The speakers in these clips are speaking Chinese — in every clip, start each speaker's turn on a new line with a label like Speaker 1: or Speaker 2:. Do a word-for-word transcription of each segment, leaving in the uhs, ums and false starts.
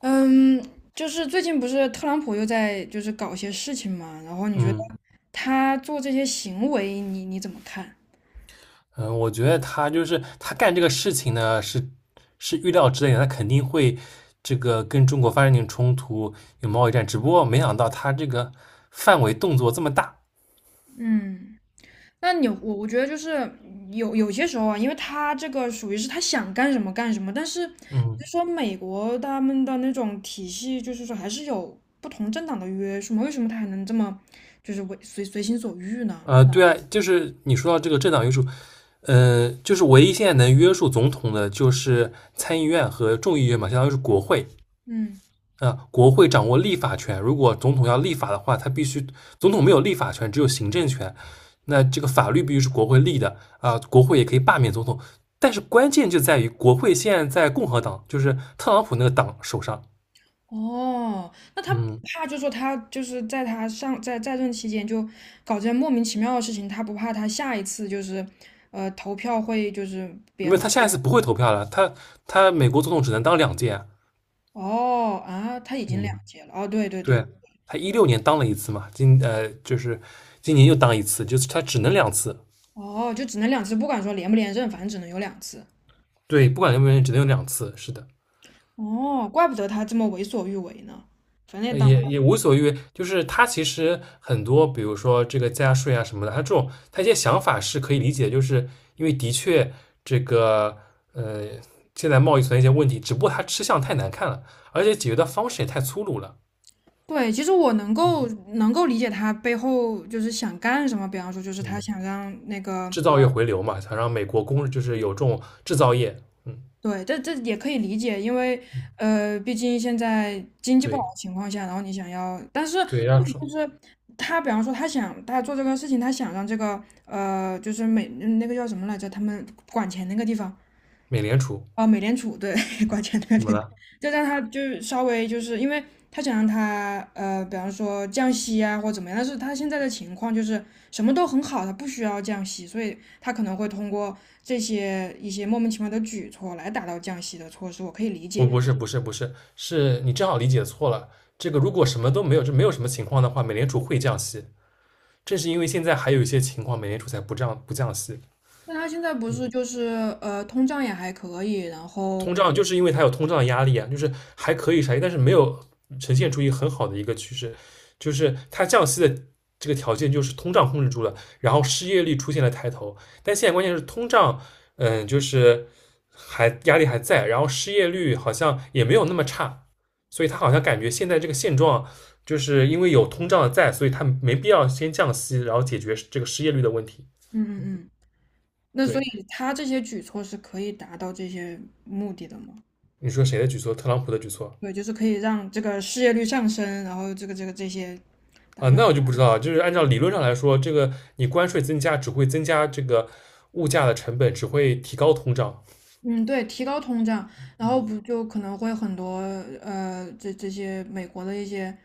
Speaker 1: 嗯，就是最近不是特朗普又在就是搞一些事情嘛，然后你觉得
Speaker 2: 嗯
Speaker 1: 他做这些行为，你你怎么看？
Speaker 2: 嗯，我觉得他就是他干这个事情呢，是是预料之内的，他肯定会这个跟中国发生点冲突，有贸易战。只不过没想到他这个范围动作这么大。
Speaker 1: 嗯那你我我觉得就是有有些时候啊，因为他这个属于是他想干什么干什么，但是
Speaker 2: 嗯，
Speaker 1: 就说美国他们的那种体系，就是说还是有不同政党的约束嘛，为什么他还能这么就是为随随心所欲呢？
Speaker 2: 呃，对啊，就是你说到这个政党约束，呃，就是唯一现在能约束总统的就是参议院和众议院嘛，相当于是国会。
Speaker 1: 嗯。
Speaker 2: 啊，国会掌握立法权，如果总统要立法的话，他必须总统没有立法权，只有行政权。那这个法律必须是国会立的啊，国会也可以罢免总统。但是关键就在于国会现在在共和党，就是特朗普那个党手上。
Speaker 1: 哦，那他不
Speaker 2: 嗯，
Speaker 1: 怕，就说他就是在他上在在任期间就搞这些莫名其妙的事情，他不怕他下一次就是，呃，投票会就是别
Speaker 2: 因为
Speaker 1: 人
Speaker 2: 他下一次不会投票了，他他美国总统只能当两届啊。
Speaker 1: 哦啊，他已经
Speaker 2: 嗯，
Speaker 1: 两届了哦，对对对，
Speaker 2: 对，他一六年当了一次嘛，今呃就是今年又当一次，就是他只能两次。
Speaker 1: 哦，就只能两次，不管说连不连任，反正只能有两次。
Speaker 2: 对，不管什不原因，只能有两次。是的，
Speaker 1: 哦，怪不得他这么为所欲为呢，反正也
Speaker 2: 呃，
Speaker 1: 当
Speaker 2: 也也无所谓，就是他其实很多，比如说这个加税啊什么的，他这种他一些想法是可以理解，就是因为的确这个，呃，现在贸易存在一些问题，只不过他吃相太难看了，而且解决的方式也太粗鲁了。
Speaker 1: 对，其实我能够能够理解他背后就是想干什么，比方说就是他
Speaker 2: 嗯，
Speaker 1: 想让那个
Speaker 2: 制造业回流嘛，想让美国工就是有这种制造业，嗯，
Speaker 1: 对，这这也可以理解，因为呃，毕竟现在经济不好
Speaker 2: 对
Speaker 1: 的情况下，然后你想要，但是
Speaker 2: 对，让出
Speaker 1: 就是他，比方说他想他做这个事情，他想让这个呃，就是美嗯那个叫什么来着，他们管钱那个地方，
Speaker 2: 美联储。
Speaker 1: 哦，美联储对 挂钱对
Speaker 2: 怎么
Speaker 1: 对，
Speaker 2: 了？
Speaker 1: 就让他就是稍微就是因为他想让他呃，比方说降息啊或怎么样，但是他现在的情况就是什么都很好，他不需要降息，所以他可能会通过这些一些莫名其妙的举措来达到降息的措施，我可以理
Speaker 2: 不
Speaker 1: 解。
Speaker 2: 不是不是不是，是你正好理解错了。这个如果什么都没有，这没有什么情况的话，美联储会降息。正是因为现在还有一些情况，美联储才不降不降息。
Speaker 1: 但他现在不是
Speaker 2: 嗯，
Speaker 1: 就是呃，通胀也还可以，然后
Speaker 2: 通胀就是因为它有通胀压力啊，就是还可以啥，但是没有呈现出一个很好的一个趋势，就是它降息的这个条件就是通胀控制住了，然后失业率出现了抬头。但现在关键是通胀，嗯，就是还压力还在，然后失业率好像也没有那么差，所以他好像感觉现在这个现状。就是因为有通胀在，所以它没必要先降息，然后解决这个失业率的问题。
Speaker 1: 嗯嗯嗯，那所
Speaker 2: 对，
Speaker 1: 以他这些举措是可以达到这些目的的吗？
Speaker 2: 你说谁的举措？特朗普的举措。
Speaker 1: 对，就是可以让这个失业率上升，然后这个这个这些达
Speaker 2: 啊？
Speaker 1: 到，
Speaker 2: 那我就不知道了。就是按照理论上来说，这个你关税增加只会增加这个物价的成本，只会提高通胀。
Speaker 1: 嗯，对，提高通胀，然后
Speaker 2: 嗯，
Speaker 1: 不就可能会很多呃，这这些美国的一些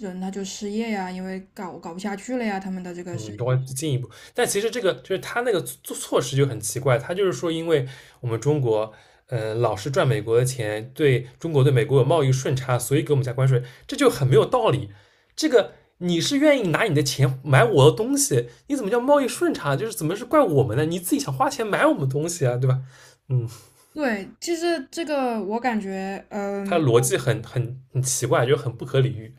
Speaker 1: 人他就失业呀，因为搞搞不下去了呀，他们的这个生
Speaker 2: 嗯，中
Speaker 1: 意。
Speaker 2: 关进一步，但其实这个就是他那个措措施就很奇怪，他就是说，因为我们中国，嗯，老是赚美国的钱，对中国对美国有贸易顺差，所以给我们加关税，这就很没有道理。这个你是愿意拿你的钱买我的东西，你怎么叫贸易顺差？就是怎么是怪我们呢？你自己想花钱买我们东西啊，对吧？嗯，
Speaker 1: 对，其实这个我感觉，
Speaker 2: 他的
Speaker 1: 嗯，
Speaker 2: 逻辑很很很奇怪，就很不可理喻。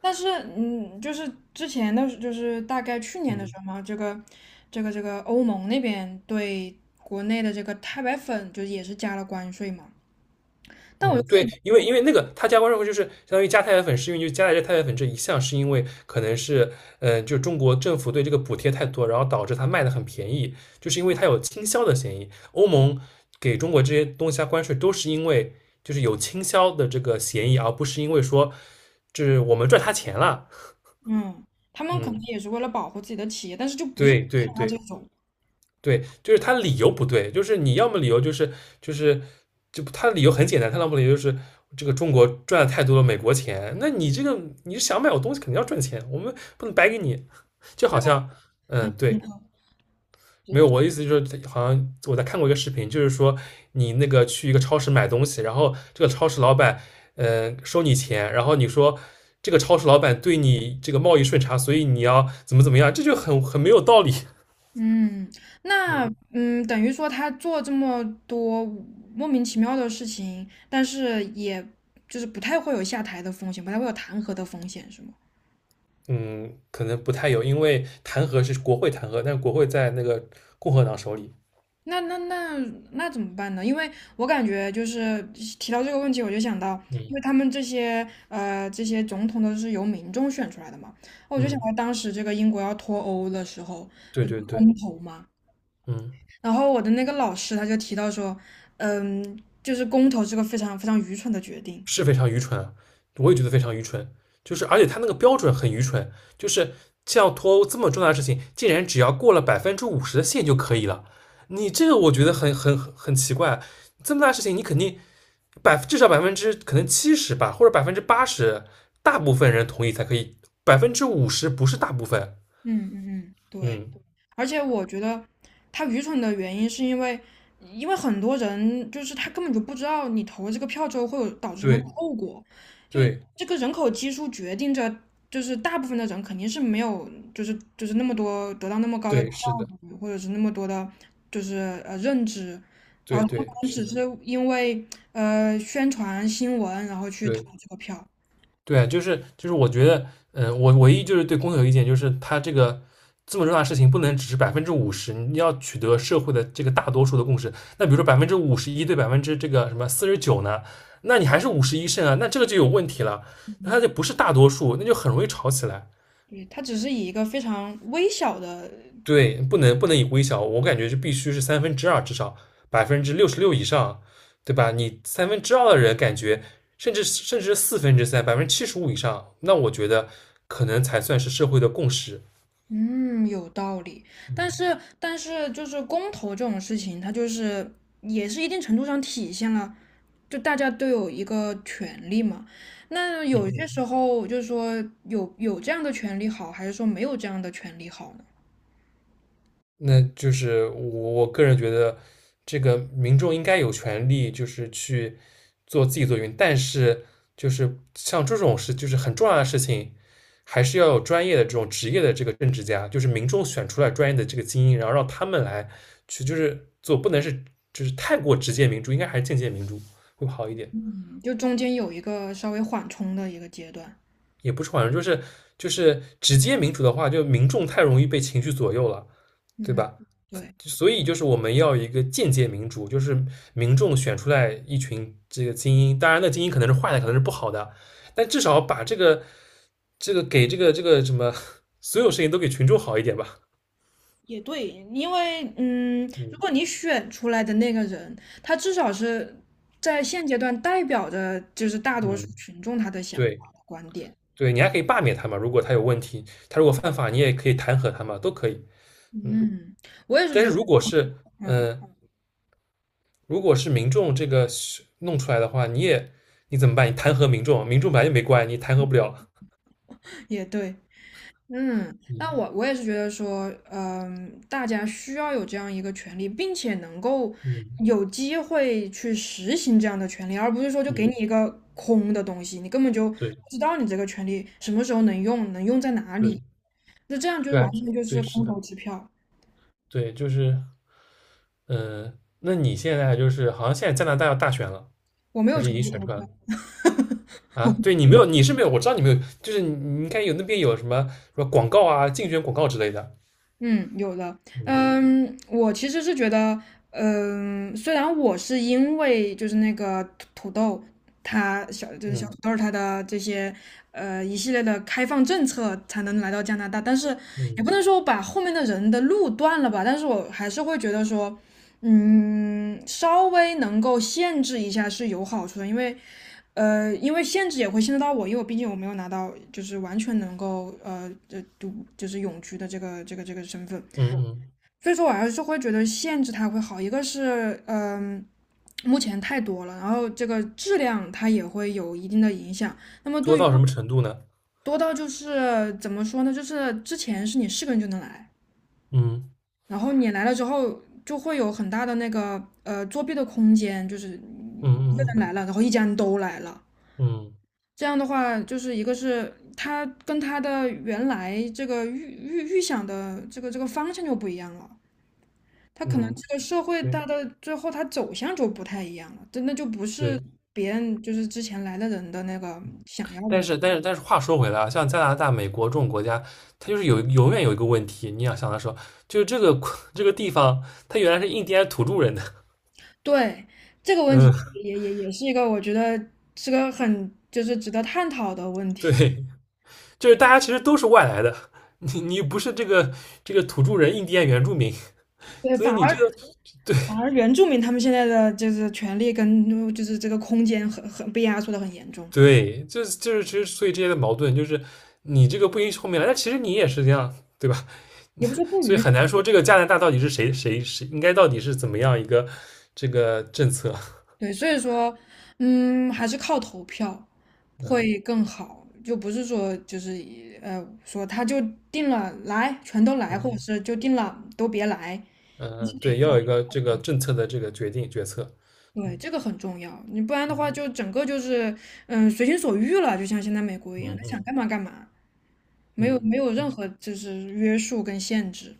Speaker 1: 但是嗯，就是之前的，就是大概去年的时
Speaker 2: 嗯
Speaker 1: 候嘛，这个这个这个欧盟那边对国内的这个钛白粉就也是加了关税嘛。但我
Speaker 2: 嗯，对，因为因为那个他加关税后就是相当于加太白粉，是因为就加在这太白粉这一项，是因为可能是嗯、呃就中国政府对这个补贴太多，然后导致它卖的很便宜，就是因为它有倾销的嫌疑。欧盟给中国这些东西加关税，都是因为就是有倾销的这个嫌疑，而不是因为说就是我们赚他钱了。
Speaker 1: 嗯，他们可能
Speaker 2: 嗯，
Speaker 1: 也是为了保护自己的企业，但是就不是
Speaker 2: 对对
Speaker 1: 他这
Speaker 2: 对。
Speaker 1: 种。
Speaker 2: 对，就是他理由不对，就是你要么理由就是就是就他的理由很简单，他要么理由就是这个中国赚了太多了美国钱，那你这个你是想买我东西肯定要赚钱，我们不能白给你，就好像
Speaker 1: 嗯，
Speaker 2: 嗯
Speaker 1: 你
Speaker 2: 对，
Speaker 1: 好。
Speaker 2: 没有我的意思就是好像我在看过一个视频，就是说你那个去一个超市买东西，然后这个超市老板嗯、呃收你钱，然后你说。这个超市老板对你这个贸易顺差，所以你要怎么怎么样，这就很很没有道理。
Speaker 1: 嗯，那
Speaker 2: 嗯，
Speaker 1: 嗯，等于说他做这么多莫名其妙的事情，但是也就是不太会有下台的风险，不太会有弹劾的风险，是吗？
Speaker 2: 嗯，可能不太有，因为弹劾是国会弹劾，但是国会在那个共和党手里。
Speaker 1: 那那那那怎么办呢？因为我感觉就是提到这个问题，我就想到，因
Speaker 2: 嗯
Speaker 1: 为他们这些呃这些总统都是由民众选出来的嘛，我就想
Speaker 2: 嗯，
Speaker 1: 到当时这个英国要脱欧的时候，
Speaker 2: 对
Speaker 1: 不是
Speaker 2: 对对，
Speaker 1: 公投嘛，
Speaker 2: 嗯，
Speaker 1: 然后我的那个老师他就提到说，嗯，就是公投是个非常非常愚蠢的决定。
Speaker 2: 是非常愚蠢啊，我也觉得非常愚蠢。就是而且他那个标准很愚蠢，就是像脱欧这么重大的事情，竟然只要过了百分之五十的线就可以了。你这个我觉得很很很很奇怪，这么大事情你肯定百至少百分之可能七十吧，或者百分之八十，大部分人同意才可以，百分之五十不是大部分。
Speaker 1: 嗯嗯嗯，对，
Speaker 2: 嗯，
Speaker 1: 而且我觉得他愚蠢的原因是因为，因为很多人就是他根本就不知道你投这个票之后会有导致什么样的
Speaker 2: 对。
Speaker 1: 后果，就
Speaker 2: 对，
Speaker 1: 这个人口基数决定着，就是大部分的人肯定是没有，就是就是那么多得到那么高的教
Speaker 2: 对，是的，
Speaker 1: 育，或者是那么多的，就是呃认知，啊、
Speaker 2: 对对是的，
Speaker 1: 因为呃宣传新闻，然后去投
Speaker 2: 对
Speaker 1: 这个票。
Speaker 2: 对啊就是就是，我觉得，嗯，我唯一就是对公投有意见，就是它这个这么重大的事情，不能只是百分之五十，你要取得社会的这个大多数的共识。那比如说百分之五十一对百分之这个什么四十九呢，那你还是五十一胜啊，那这个就有问题了，那它就不是大多数，那就很容易吵起来。
Speaker 1: 对，它只是以一个非常微小的，
Speaker 2: 对，不能不能以微小，我感觉是必须是三分之二至少百分之六十六以上，对吧？你三分之二的人感觉，甚至甚至四分之三，百分之七十五以上，那我觉得可能才算是社会的共识。
Speaker 1: 嗯，有道理。但
Speaker 2: 嗯
Speaker 1: 是，但是就是公投这种事情，它就是也是一定程度上体现了，就大家都有一个权利嘛。那
Speaker 2: 嗯
Speaker 1: 有些时
Speaker 2: 嗯，
Speaker 1: 候就是说有有这样的权利好，还是说没有这样的权利好呢？
Speaker 2: 那就是我我个人觉得，这个民众应该有权利，就是去做自己做运，但是就是像这种事，就是很重要的事情，还是要有专业的这种职业的这个政治家，就是民众选出来专业的这个精英，然后让他们来去就是做，不能是就是太过直接民主，应该还是间接民主会好一点，
Speaker 1: 就中间有一个稍微缓冲的一个阶段。
Speaker 2: 也不是好像就是就是直接民主的话，就民众太容易被情绪左右了，对
Speaker 1: 嗯，
Speaker 2: 吧？
Speaker 1: 对。
Speaker 2: 所以就是我们要有一个间接民主，就是民众选出来一群这个精英，当然那精英可能是坏的，可能是不好的，但至少把这个这个给这个这个什么所有事情都给群众好一点吧。
Speaker 1: 也对，因为嗯，如
Speaker 2: 嗯
Speaker 1: 果你选出来的那个人，他至少是在现阶段代表着就是大多数
Speaker 2: 嗯，
Speaker 1: 群众他的想法
Speaker 2: 对
Speaker 1: 和观点。
Speaker 2: 对，你还可以罢免他嘛，如果他有问题，他如果犯法，你也可以弹劾他嘛，都可以。嗯，
Speaker 1: 嗯，我也是
Speaker 2: 但是
Speaker 1: 觉得，
Speaker 2: 如果是
Speaker 1: 嗯，
Speaker 2: 呃，如果是民众这个弄出来的话，你也你怎么办？你弹劾民众，民众本来就没关，你弹劾不了。
Speaker 1: 也对，嗯，那
Speaker 2: 嗯
Speaker 1: 我我也是觉得说，嗯，大家需要有这样一个权利，并且能够
Speaker 2: 嗯
Speaker 1: 有机会去实行这样的权利，而不是说就给
Speaker 2: 嗯，
Speaker 1: 你一个空的东西，你根本就不
Speaker 2: 对。
Speaker 1: 知道你这个权利什么时候能用，能用在哪
Speaker 2: 对
Speaker 1: 里。那这样就是
Speaker 2: 对啊
Speaker 1: 完全就是
Speaker 2: 对，是
Speaker 1: 空
Speaker 2: 的，
Speaker 1: 头支票，
Speaker 2: 对，就是嗯、呃那你现在就是好像现在加拿大要大选了，
Speaker 1: 我没
Speaker 2: 还
Speaker 1: 有
Speaker 2: 是已
Speaker 1: 成
Speaker 2: 经
Speaker 1: 立
Speaker 2: 选
Speaker 1: 投
Speaker 2: 出来
Speaker 1: 票。
Speaker 2: 了啊？对你没有，你是没有，我知道你没有，就是你你应该有那边有什么什么广告啊，竞选广告之类的。
Speaker 1: 嗯，有的。
Speaker 2: 嗯
Speaker 1: 嗯，我其实是觉得，嗯，虽然我是因为就是那个土土豆，它小就是小土
Speaker 2: 嗯
Speaker 1: 豆它的这些呃一系列的开放政策才能来到加拿大，但是也
Speaker 2: 嗯
Speaker 1: 不能说我把后面的人的路断了吧，但是我还是会觉得说。嗯，稍微能够限制一下是有好处的，因为呃，因为限制也会限制到我，因为我毕竟我没有拿到就是完全能够呃这就是永居的这个这个这个身份，
Speaker 2: 嗯嗯，
Speaker 1: 所以说我还是会觉得限制它会好。一个是嗯、呃目前太多了，然后这个质量它也会有一定的影响。那么
Speaker 2: 多
Speaker 1: 对于
Speaker 2: 到什么程度呢？
Speaker 1: 多到就是怎么说呢，就是之前是你是个人就能来，
Speaker 2: 嗯
Speaker 1: 然后你来了之后就会有很大的那个呃作弊的空间，就是
Speaker 2: 嗯
Speaker 1: 你一个人来
Speaker 2: 嗯
Speaker 1: 了，然后一家人都来了。
Speaker 2: 嗯
Speaker 1: 这样的话，就是一个是他跟他的原来这个预预预想的这个这个方向就不一样了，他可能
Speaker 2: 嗯嗯，
Speaker 1: 这个社会
Speaker 2: 对
Speaker 1: 它的最后他走向就不太一样了，真的就不是
Speaker 2: 对，
Speaker 1: 别人就是之前来的人的那个想要的
Speaker 2: 但
Speaker 1: 那个。
Speaker 2: 是但是但是话说回来啊，像加拿大、美国这种国家，它就是有永远有一个问题，你要想的时候，就是这个 这个地方，它原来是印第安土著人的，
Speaker 1: 对，这个问题
Speaker 2: 嗯，
Speaker 1: 也也也是一个我觉得是个很就是值得探讨的问题。
Speaker 2: 对，就是大家其实都是外来的，你你不是这个这个土著人、印第安原住民，
Speaker 1: 对，
Speaker 2: 所以
Speaker 1: 反
Speaker 2: 你
Speaker 1: 而
Speaker 2: 这个对
Speaker 1: 反而原住民他们现在的就是权利跟就是这个空间很很被压缩的很严重，
Speaker 2: 对，就是就是其实所以这些的矛盾就是你这个不允许后面来，但其实你也是这样，对吧？
Speaker 1: 也不是说 不
Speaker 2: 所以
Speaker 1: 允
Speaker 2: 很难说这个加拿大到底是谁谁谁应该到底是怎么样一个这个政策，
Speaker 1: 对，所以说，嗯，还是靠投票会
Speaker 2: 嗯
Speaker 1: 更好，就不是说就是呃说他就定了来全都来，或者
Speaker 2: 嗯
Speaker 1: 是就定了都别来，你是
Speaker 2: 嗯，
Speaker 1: 哪
Speaker 2: 对，
Speaker 1: 个？
Speaker 2: 要有一个这个政策的这个决定决策，
Speaker 1: 对，
Speaker 2: 嗯
Speaker 1: 这个很重要，你不然的话
Speaker 2: 嗯
Speaker 1: 就整个就是嗯随心所欲了，就像现在美国一样，
Speaker 2: 嗯
Speaker 1: 他想
Speaker 2: 嗯
Speaker 1: 干嘛干嘛，没有
Speaker 2: 嗯，
Speaker 1: 没有任何就是约束跟限制。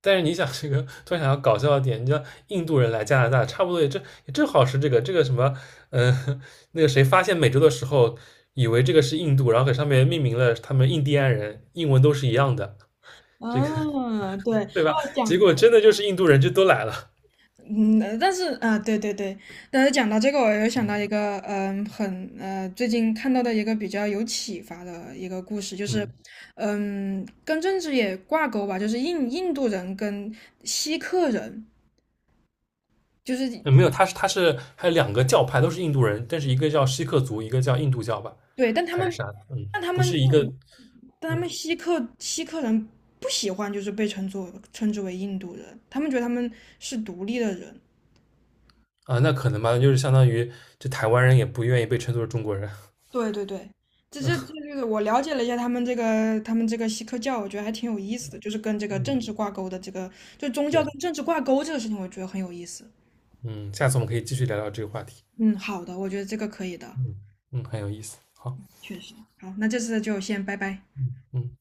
Speaker 2: 但是你想这个，突然想到搞笑的点，你像印度人来加拿大，差不多也正也正好是这个这个什么，嗯、那个谁发现美洲的时候，以为这个是印度，然后给上面命名了他们印第安人，英文都是一样的，这个
Speaker 1: 嗯，对，
Speaker 2: 对
Speaker 1: 哦，
Speaker 2: 吧？
Speaker 1: 讲
Speaker 2: 结果真的就是印度人就都来了，
Speaker 1: 嗯，呃但是啊，对对对，但是讲到这个，我又想到一个，嗯，很呃，最近看到的一个比较有启发的一个故事，就是，
Speaker 2: 嗯，
Speaker 1: 嗯，跟政治也挂钩吧，就是印印度人跟锡克人，就是
Speaker 2: 呃没有，他是他是还有两个教派都是印度人，但是一个叫锡克族，一个叫印度教吧，
Speaker 1: 对，但他
Speaker 2: 还是
Speaker 1: 们，
Speaker 2: 啥？嗯，
Speaker 1: 但他
Speaker 2: 不
Speaker 1: 们，
Speaker 2: 是一个，
Speaker 1: 但他们
Speaker 2: 嗯
Speaker 1: 锡克锡克人不喜欢，就是被称作称之为印度人，他们觉得他们是独立的人，
Speaker 2: 啊，那可能吧，就是相当于这台湾人也不愿意被称作是中国人，
Speaker 1: 对对对，这这这这个我了解了一下他们这个他们这个西克教，我觉得还挺有意思的，就是跟这个政
Speaker 2: 嗯，
Speaker 1: 治挂钩的这个，就宗教
Speaker 2: 对。
Speaker 1: 跟政治挂钩这个事情，我觉得很有意思。
Speaker 2: 嗯，下次我们可以继续聊聊这个话题。
Speaker 1: 嗯，好的，我觉得这个可以的，
Speaker 2: 嗯嗯，很有意思。好，
Speaker 1: 确实。好，那这次就先拜拜。
Speaker 2: 嗯。